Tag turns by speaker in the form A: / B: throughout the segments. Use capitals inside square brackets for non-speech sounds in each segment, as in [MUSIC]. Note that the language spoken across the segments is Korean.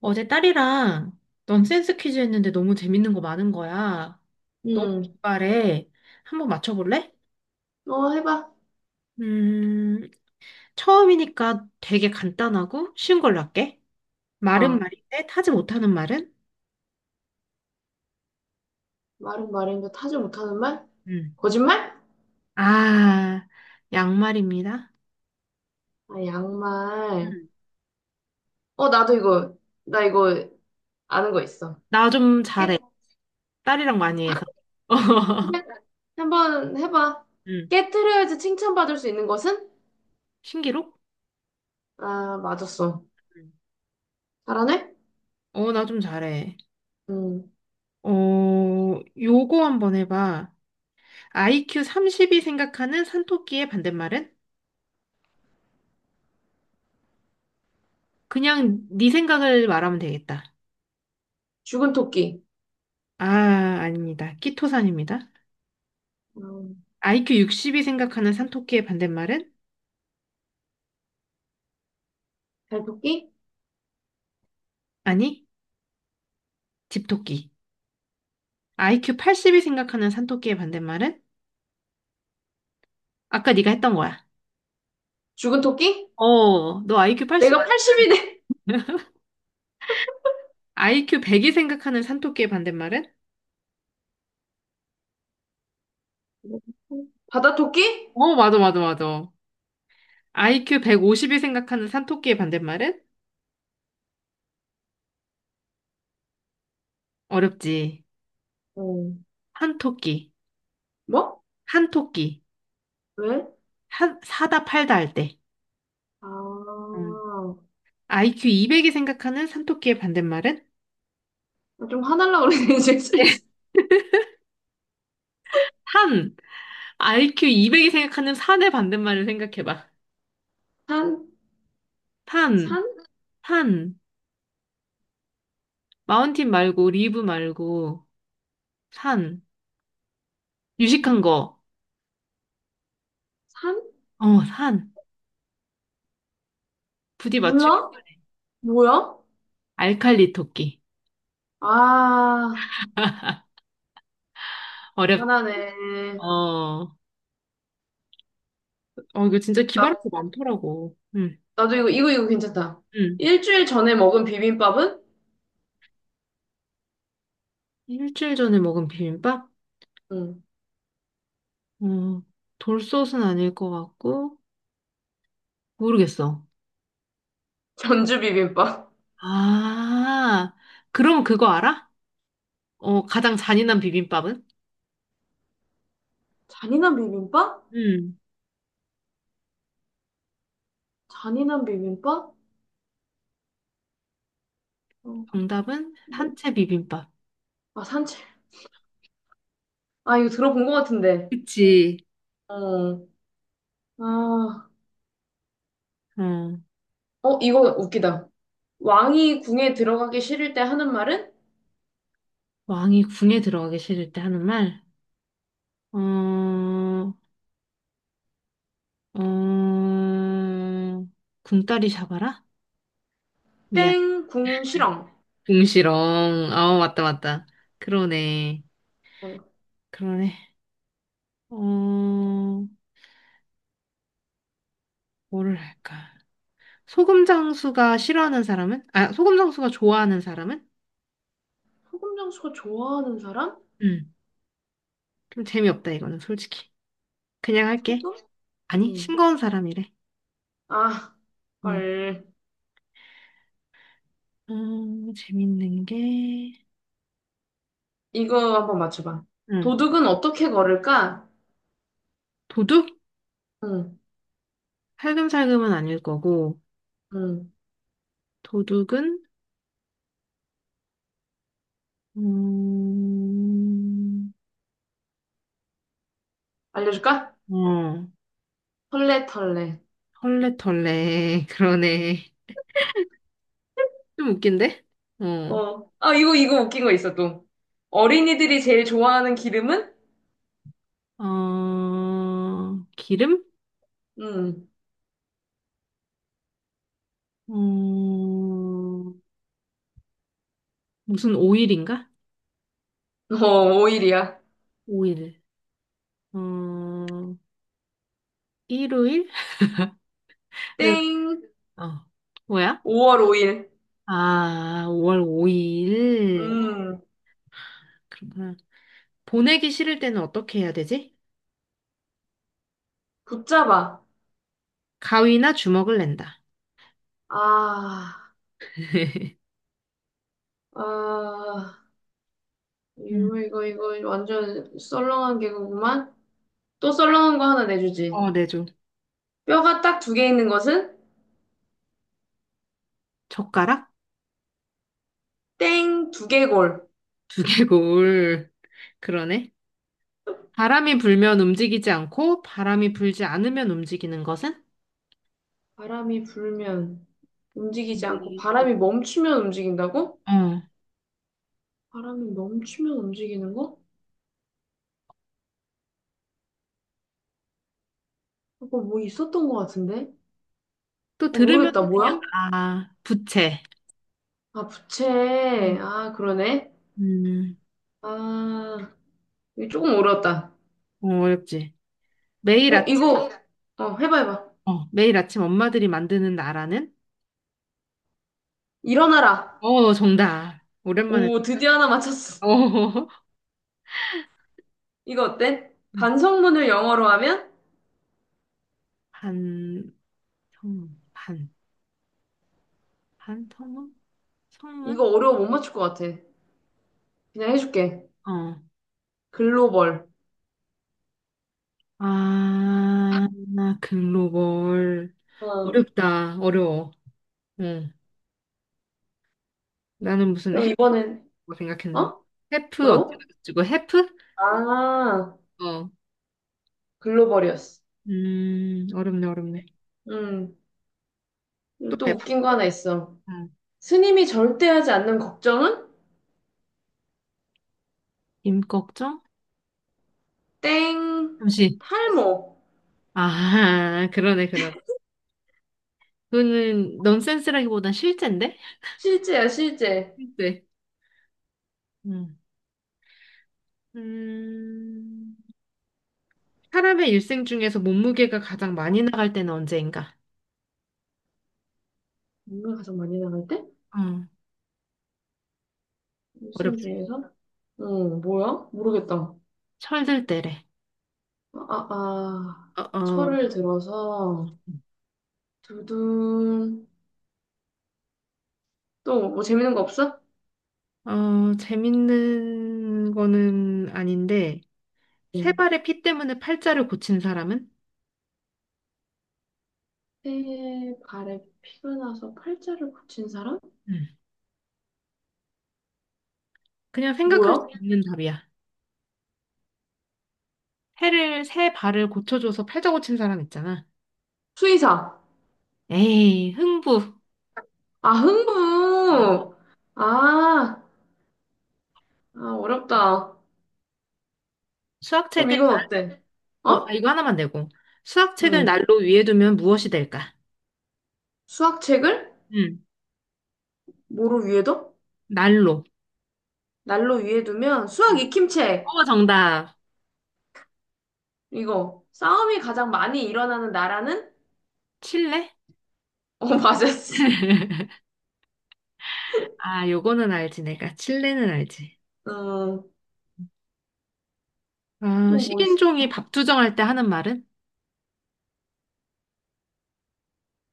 A: 어제 딸이랑 넌센스 퀴즈 했는데 너무 재밌는 거 많은 거야. 너무
B: 음,
A: 기발해. 한번 맞춰볼래?
B: 어, 해봐.
A: 음, 처음이니까 되게 간단하고 쉬운 걸로 할게. 말은
B: 어,
A: 말인데 타지 못하는 말은?
B: 말은 말인데 타지 못하는 말?
A: 음.
B: 거짓말?
A: 아, 양말입니다.
B: 아, 양말.
A: 음.
B: 어, 나 이거 아는 거 있어.
A: 나 좀 잘해.
B: 깨-
A: 딸이랑 많이 해서.
B: 그래?
A: [LAUGHS]
B: 한번 해봐.
A: 음.
B: 깨트려야지 칭찬받을 수 있는 것은?
A: 신기록?
B: 아, 맞았어.
A: 음.
B: 잘하네?
A: 어, 나 좀 잘해.
B: 음,
A: 어, 요거 한번 해봐. IQ 30이 생각하는 산토끼의 반대말은? 그냥 네 생각을 말하면 되겠다.
B: 죽은 토끼.
A: 아, 아닙니다. 키토산입니다.
B: 음,
A: IQ 60이 생각하는 산토끼의 반대말은?
B: 잘 토끼?
A: 아니, 집토끼. IQ 80이 생각하는 산토끼의 반대말은? 아까 네가 했던 거야.
B: 죽은 토끼?
A: 너 IQ 80,
B: 내가 80이네.
A: IQ 100이 생각하는 산토끼의 반대말은?
B: 바다 토끼?
A: 어, 맞아, 맞아, 맞아. IQ 150이 생각하는 산토끼의 반대말은? 어렵지.
B: 어,
A: 한토끼,
B: 뭐?
A: 한토끼,
B: 왜?
A: 한, 사다 팔다 할 때.
B: 아,
A: 응. IQ 200이 생각하는 산토끼의 반대말은?
B: 좀 화날라 그러네, [LAUGHS] 지금.
A: 산! IQ 200이 생각하는 산의 반대말을 생각해봐.
B: 산?
A: 산,
B: 산?
A: 산. 마운틴 말고, 리브 말고, 산. 유식한
B: 음.
A: 거.
B: 산?
A: 산. 부디 맞추기.
B: 몰라? 뭐야?
A: 알칼리 토끼.
B: 아,
A: 어렵,
B: 화나네.
A: 어, 어, 이거 진짜
B: 나,
A: 기발한 거 많더라고. 응,
B: 나도 이거 괜찮다.
A: 응.
B: 일주일 전에 먹은 비빔밥은?
A: 일주일 전에 먹은 비빔밥?
B: 응.
A: 어, 돌솥은 아닐 것 같고, 모르겠어.
B: 전주 비빔밥.
A: 아, 그럼 그거 알아? 가장 잔인한 비빔밥은?
B: [LAUGHS] 잔인한 비빔밥?
A: 음,
B: 잔인한 비빔밥? 어,
A: 정답은
B: 뭐?
A: 산채 비빔밥.
B: 아, 산책. 아, 이거 들어본 것 같은데.
A: 그치.
B: 어, 아,
A: 어,
B: 어, 이거 웃기다. 왕이 궁에 들어가기 싫을 때 하는 말은?
A: 왕이 궁에 들어가기 싫을 때 하는 말. 어, 어, 궁따리 잡아라? 미안.
B: 땡, 궁, 실엉.
A: 궁시렁. 아, 맞다, 맞다. 그러네.
B: 어,
A: 그러네. 어, 뭐를 할까? 소금 장수가 싫어하는 사람은? 아, 소금 장수가 좋아하는 사람은?
B: 소금 장수가 좋아하는 사람?
A: 음. 좀 재미없다, 이거는 솔직히. 그냥 할게.
B: 소금?
A: 아니,
B: 응.
A: 싱거운 사람이래.
B: 아,
A: 응.
B: 헐.
A: 재밌는 게,
B: 이거 한번 맞춰봐.
A: 응.
B: 도둑은 어떻게 걸을까?
A: 도둑?
B: 응,
A: 살금살금은 아닐 거고,
B: 응.
A: 도둑은, 음,
B: 알려줄까?
A: 어,
B: 털레털레.
A: 헐레털레, [LAUGHS] 그러네. 좀 웃긴데? 어,
B: 어. 아, 이거 웃긴 거 있어, 또. 어린이들이 제일 좋아하는 기름은?
A: 기름?
B: 음.
A: 어, 무슨 오일인가?
B: 어, 오일이야.
A: 오일. 어, 일요일 [LAUGHS] 네...
B: 땡.
A: 어, 뭐야?
B: 5월 5일.
A: 아, 5월 5일.
B: 음.
A: 그렇구나. 보내기 싫을 때는 어떻게 해야 되지?
B: 붙잡아.
A: 가위나 주먹을 낸다.
B: 아,
A: [LAUGHS]
B: 아.
A: 음.
B: 이거, 이거 완전 썰렁한 개그구만. 또 썰렁한 거 하나 내주지.
A: 어, 내줘.
B: 뼈가 딱 두 개 있는 것은?
A: 젓가락?
B: 땡, 두개골.
A: 두개골. 그러네. 바람이 불면 움직이지 않고, 바람이 불지 않으면 움직이는 것은?
B: 바람이 불면 움직이지 않고
A: 움직이기.
B: 바람이 멈추면 움직인다고?
A: 어.
B: 바람이 멈추면 움직이는 거? 그거 뭐 있었던 것 같은데?
A: 또
B: 어,
A: 들으면
B: 모르겠다. 아, 그래?
A: 그냥,
B: 뭐야?
A: 아, 부채.
B: 부채? 아,
A: 음.
B: 부채. 아, 그러네.
A: 음.
B: 아, 이거 조금 어려웠다.
A: 어, 어렵지. 매일
B: 어,
A: 아침,
B: 이거. 어, 해봐, 해봐.
A: 매일 아침 엄마들이 만드는 나라는?
B: 일어나라.
A: 어, 정답. 오랜만에.
B: 오, 드디어 하나 맞췄어.
A: 어, [LAUGHS]
B: 이거 어때? 반성문을 영어로 하면?
A: 반. 반, 반. 반통문성문.
B: 이거 어려워 못 맞출 것 같아. 그냥 해줄게.
A: 어.
B: 글로벌.
A: 아, 글로벌.
B: 어,
A: 어렵다. 어려워. 응. 나는 무슨
B: 그럼 이번엔,
A: 해프라고 생각했는데.
B: 어?
A: 해프
B: 뭐라고?
A: 어쩌고저쩌고 해프?
B: 아.
A: 어.
B: 글로벌이었어.
A: 어렵네, 어렵네.
B: 음.
A: 또
B: 또
A: 해봐.
B: 웃긴 거 하나 있어.
A: 응.
B: 스님이 절대 하지 않는 걱정은?
A: 임꺽정?
B: 땡.
A: 잠시.
B: 탈모.
A: 아, [LAUGHS] 그러네, 그러네. 그거는 넌센스라기보단 실제인데?
B: 실제야, 실제.
A: 실제. 응. 음, 사람의 일생 중에서 몸무게가 가장 많이 나갈 때는 언제인가?
B: 뭔가 가장 많이 나갈 때?
A: 응.
B: 일생
A: 어렵지.
B: 중에서? 응, 뭐야? 모르겠다.
A: 철들 때래.
B: 아, 아, 아.
A: 어, 어,
B: 철을 들어서, 두둔. 또, 뭐 재밌는 거 없어?
A: 재밌는 거는 아닌데, 세
B: 응.
A: 발의 피 때문에 팔자를 고친 사람은?
B: 새 발에 피가 나서 팔자를 고친 사람?
A: 음. 그냥 생각할 수
B: 뭐야?
A: 있는 답이야. 세 발을 고쳐줘서 팔자 고친 사람 있잖아.
B: 수의사.
A: 에이, 흥부.
B: 아,
A: 어.
B: 흥부. 아, 아, 어렵다. 그럼
A: 수학책을,
B: 이건 어때?
A: 나
B: 어?
A: 이거 하나만 내고. 수학책을
B: 응.
A: 난로 위에 두면 무엇이 될까?
B: 수학책을
A: 음.
B: 뭐로 위에 둬?
A: 난로.
B: 날로 위에 두면 수학
A: 음.
B: 익힘책.
A: 어, 정답.
B: 이거. 싸움이 가장 많이 일어나는 나라는?
A: 칠레?
B: 어, [LAUGHS] 맞았어.
A: [LAUGHS] 아, 요거는 알지, 내가. 칠레는 알지.
B: 음,
A: 아,
B: 또 뭐 있어?
A: 식인종이 밥투정할 때 하는 말은?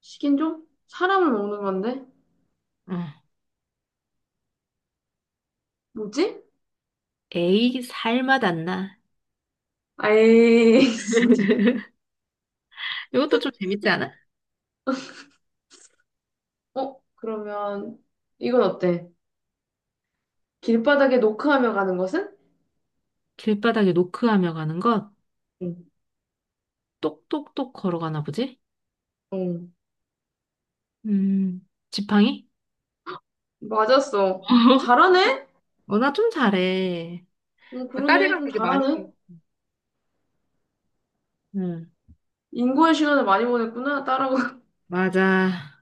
B: 식인종? 사람을 먹는 건데?
A: 응.
B: 뭐지?
A: 에이, 살맛 안 나.
B: 아이, [LAUGHS] 진짜.
A: [LAUGHS] 이것도 좀 재밌지 않아?
B: 어, 그러면 이건 어때? 길바닥에 노크하며 가는 것은?
A: 길바닥에 노크하며 가는 것,
B: 응.
A: 똑똑똑 걸어가나 보지?
B: 응.
A: 지팡이?
B: 맞았어.
A: [LAUGHS]
B: 잘하네?
A: 어, 나 좀 잘해.
B: 응,
A: 아,
B: 그러네.
A: 딸이랑
B: 좀
A: 되게 많이.
B: 잘하네.
A: 응,
B: 인고의 시간을 많이 보냈구나. 따라가.
A: 맞아.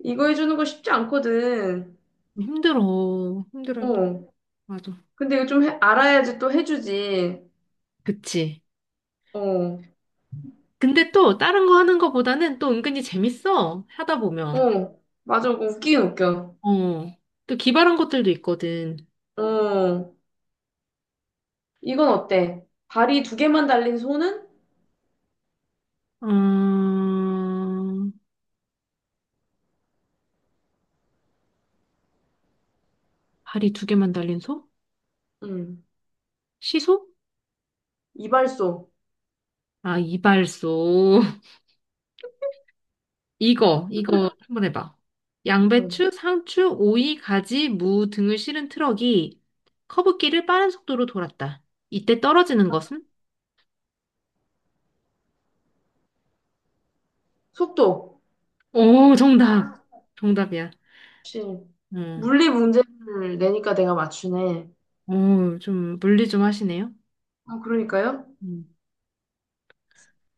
B: 이거 해주는 거 쉽지 않거든.
A: 힘들어. 힘들어. 힘들어.
B: 어.
A: 맞아.
B: 근데 이거 알아야지 또 해주지.
A: 그치.
B: 어.
A: 근데 또 다른 거 하는 거보다는 또 은근히 재밌어. 하다 보면.
B: 어. 맞아. 그거 웃기긴 웃겨.
A: 어. 또 기발한 것들도 있거든.
B: 어. 이건 어때? 발이 두 개만 달린 손은?
A: 어... 다리 두 개만 달린 소?
B: 음.
A: 시소?
B: 이발소.
A: 아, 이발소. [LAUGHS] 이거 한번 해봐.
B: 음.
A: 양배추, 상추, 오이, 가지, 무 등을 실은 트럭이 커브길을 빠른 속도로 돌았다. 이때 떨어지는 것은?
B: 속도.
A: 오, 정답. 정답이야.
B: 역시. 물리 문제를 내니까 내가 맞추네.
A: 응. 오, 좀 물리 좀 하시네요.
B: 아, 그러니까요?
A: 음.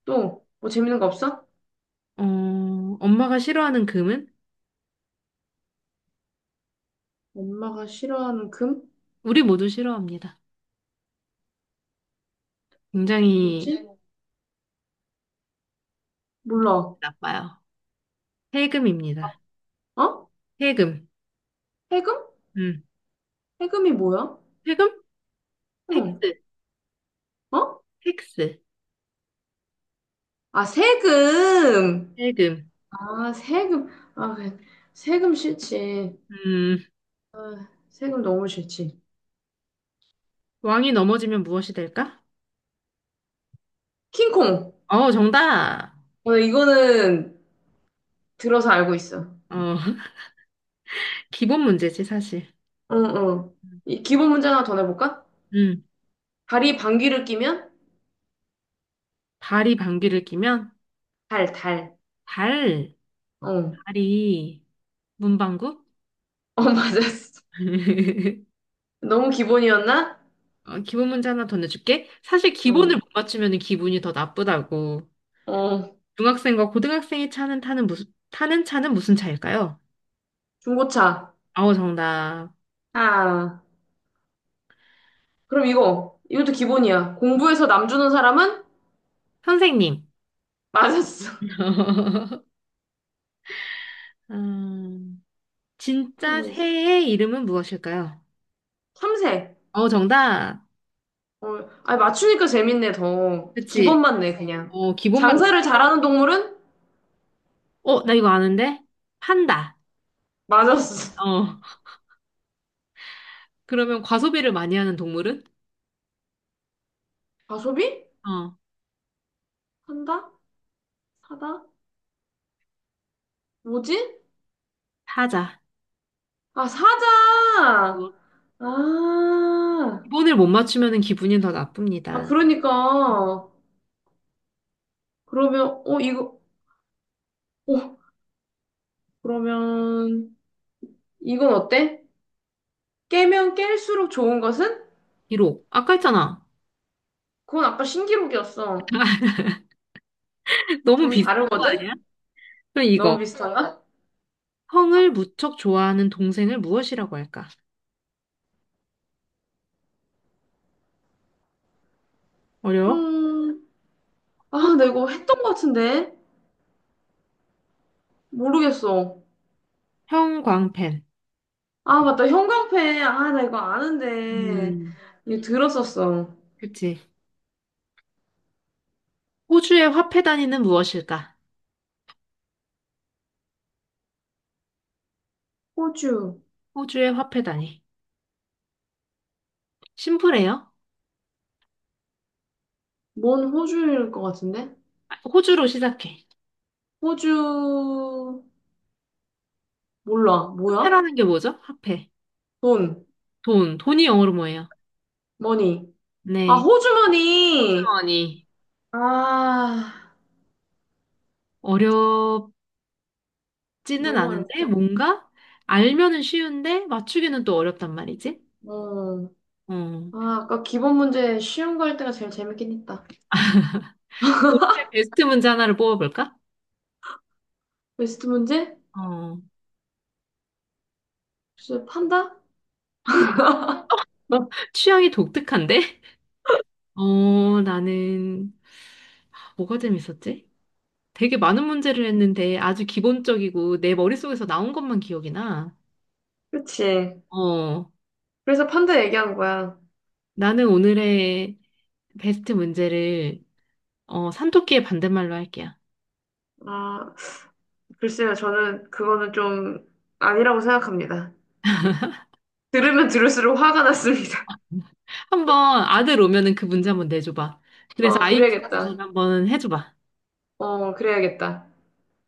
B: 또, 뭐 재밌는 거 없어?
A: 어, 엄마가 싫어하는 금은?
B: 엄마가 싫어하는 금?
A: 우리 모두 싫어합니다. 굉장히
B: 뭐지? 몰라.
A: 나빠요. 세금입니다.
B: 어?
A: 세금.
B: 해금?
A: 음.
B: 해금이 뭐야?
A: 세금?
B: 응.
A: 텍스.
B: 어?
A: 텍스.
B: 아, 세금.
A: 세금.
B: 아, 세금. 아, 그래. 세금 싫지.
A: 음,
B: 아, 세금 너무 싫지.
A: 왕이 넘어지면 무엇이 될까?
B: 킹콩.
A: 어, 정답.
B: 어, 이거는 들어서 알고 있어.
A: 어, [LAUGHS] 기본 문제지, 사실.
B: 어, 어. 이 기본 문제 하나 더 내볼까?
A: 음,
B: 다리 방귀를 끼면
A: 발이 방귀를 뀌면?
B: 달, 달.
A: 발,
B: 어.
A: 발이 문방구?
B: 어, [LAUGHS] 맞았어.
A: [LAUGHS]
B: 너무 기본이었나?
A: 기본 문제 하나 더 내줄게. 사실
B: 어.
A: 기본을 못 맞추면 기분이 더 나쁘다고.
B: 어.
A: 중학생과 고등학생이 차는 타는 무슨, 타는 차는 무슨 차일까요?
B: 중고차.
A: 어, 정답.
B: 아. 그럼 이거. 이것도 기본이야. 공부해서 남 주는 사람은?
A: 선생님.
B: 맞았어.
A: [LAUGHS] 음,
B: [LAUGHS] 또
A: 진짜
B: 뭐 있을까?
A: 새의 이름은 무엇일까요?
B: 참새.
A: 어, 정답.
B: 어, 아, 맞추니까 재밌네, 더. 기본
A: 그치.
B: 맞네 그냥
A: 기본만 내.
B: 장사를 잘하는 동물은?
A: 어, 나 이거 아는데? 판다.
B: 맞았어.
A: 어. 그러면 과소비를 많이 하는 동물은?
B: [LAUGHS] 과소비?
A: 어,
B: 산다? 사다? 뭐지?
A: 사자.
B: 아, 사자!
A: 어,
B: 아,
A: 기본을 못 맞추면은 기분이 더
B: 아,
A: 나쁩니다.
B: 그러니까.
A: 음.
B: 그러면, 어, 이거, 어, 그러면, 이건 어때? 깨면 깰수록 좋은 것은?
A: 기록. 아까 했잖아.
B: 그건 아까 신기록이었어.
A: [LAUGHS] 너무
B: 좀
A: 비슷한 거
B: 다르거든?
A: 아니야? 그럼
B: 너무
A: 이거.
B: 응. 비슷하나?
A: 형을 무척 좋아하는 동생을 무엇이라고 할까? 어려워?
B: 음,
A: 형,
B: 아, 나 이거 했던 것 같은데? 모르겠어.
A: 형광펜.
B: 아, 맞다. 형광펜. 아, 나 이거 아는데.
A: 음,
B: 이거 들었었어.
A: 그치. 호주의 화폐 단위는 무엇일까?
B: 호주.
A: 호주의 화폐 단위. 심플해요.
B: 뭔 호주일 것 같은데?
A: 아, 호주로 시작해.
B: 호주. 몰라. 뭐야?
A: 화폐라는 게 뭐죠? 화폐.
B: 돈.
A: 돈, 돈이 영어로 뭐예요?
B: 머니. 아,
A: 네.
B: 호주머니!
A: 호주머니.
B: 아,
A: 어렵지는
B: 너무
A: 않은데,
B: 어렵다.
A: 뭔가 알면은 쉬운데, 맞추기는 또 어렵단 말이지.
B: 어.
A: 어.
B: 아, 아까 기본 문제 쉬운 거 할 때가 제일 재밌긴 했다.
A: 올해 베스트 문제 하나를 뽑아볼까?
B: 베스트 문제?
A: 어.
B: 글쎄, 판다?
A: 한, 너 [LAUGHS] 취향이 독특한데? 나는, 뭐가 재밌었지? 되게 많은 문제를 했는데, 아주 기본적이고, 내 머릿속에서 나온 것만 기억이 나.
B: 그치.
A: 어.
B: 그래서 판다 얘기한 거야.
A: 나는 오늘의 베스트 문제를, 산토끼의 반대말로 할게요.
B: 아, 글쎄요. 저는 그거는 좀 아니라고 생각합니다. 들으면 들을수록 화가 났습니다.
A: 한번 아들 오면은 그 문제 한번 내줘봐.
B: [LAUGHS]
A: 그래서
B: 어,
A: IQ 검사를
B: 그래야겠다.
A: 한번 해줘봐.
B: 어, 그래야겠다.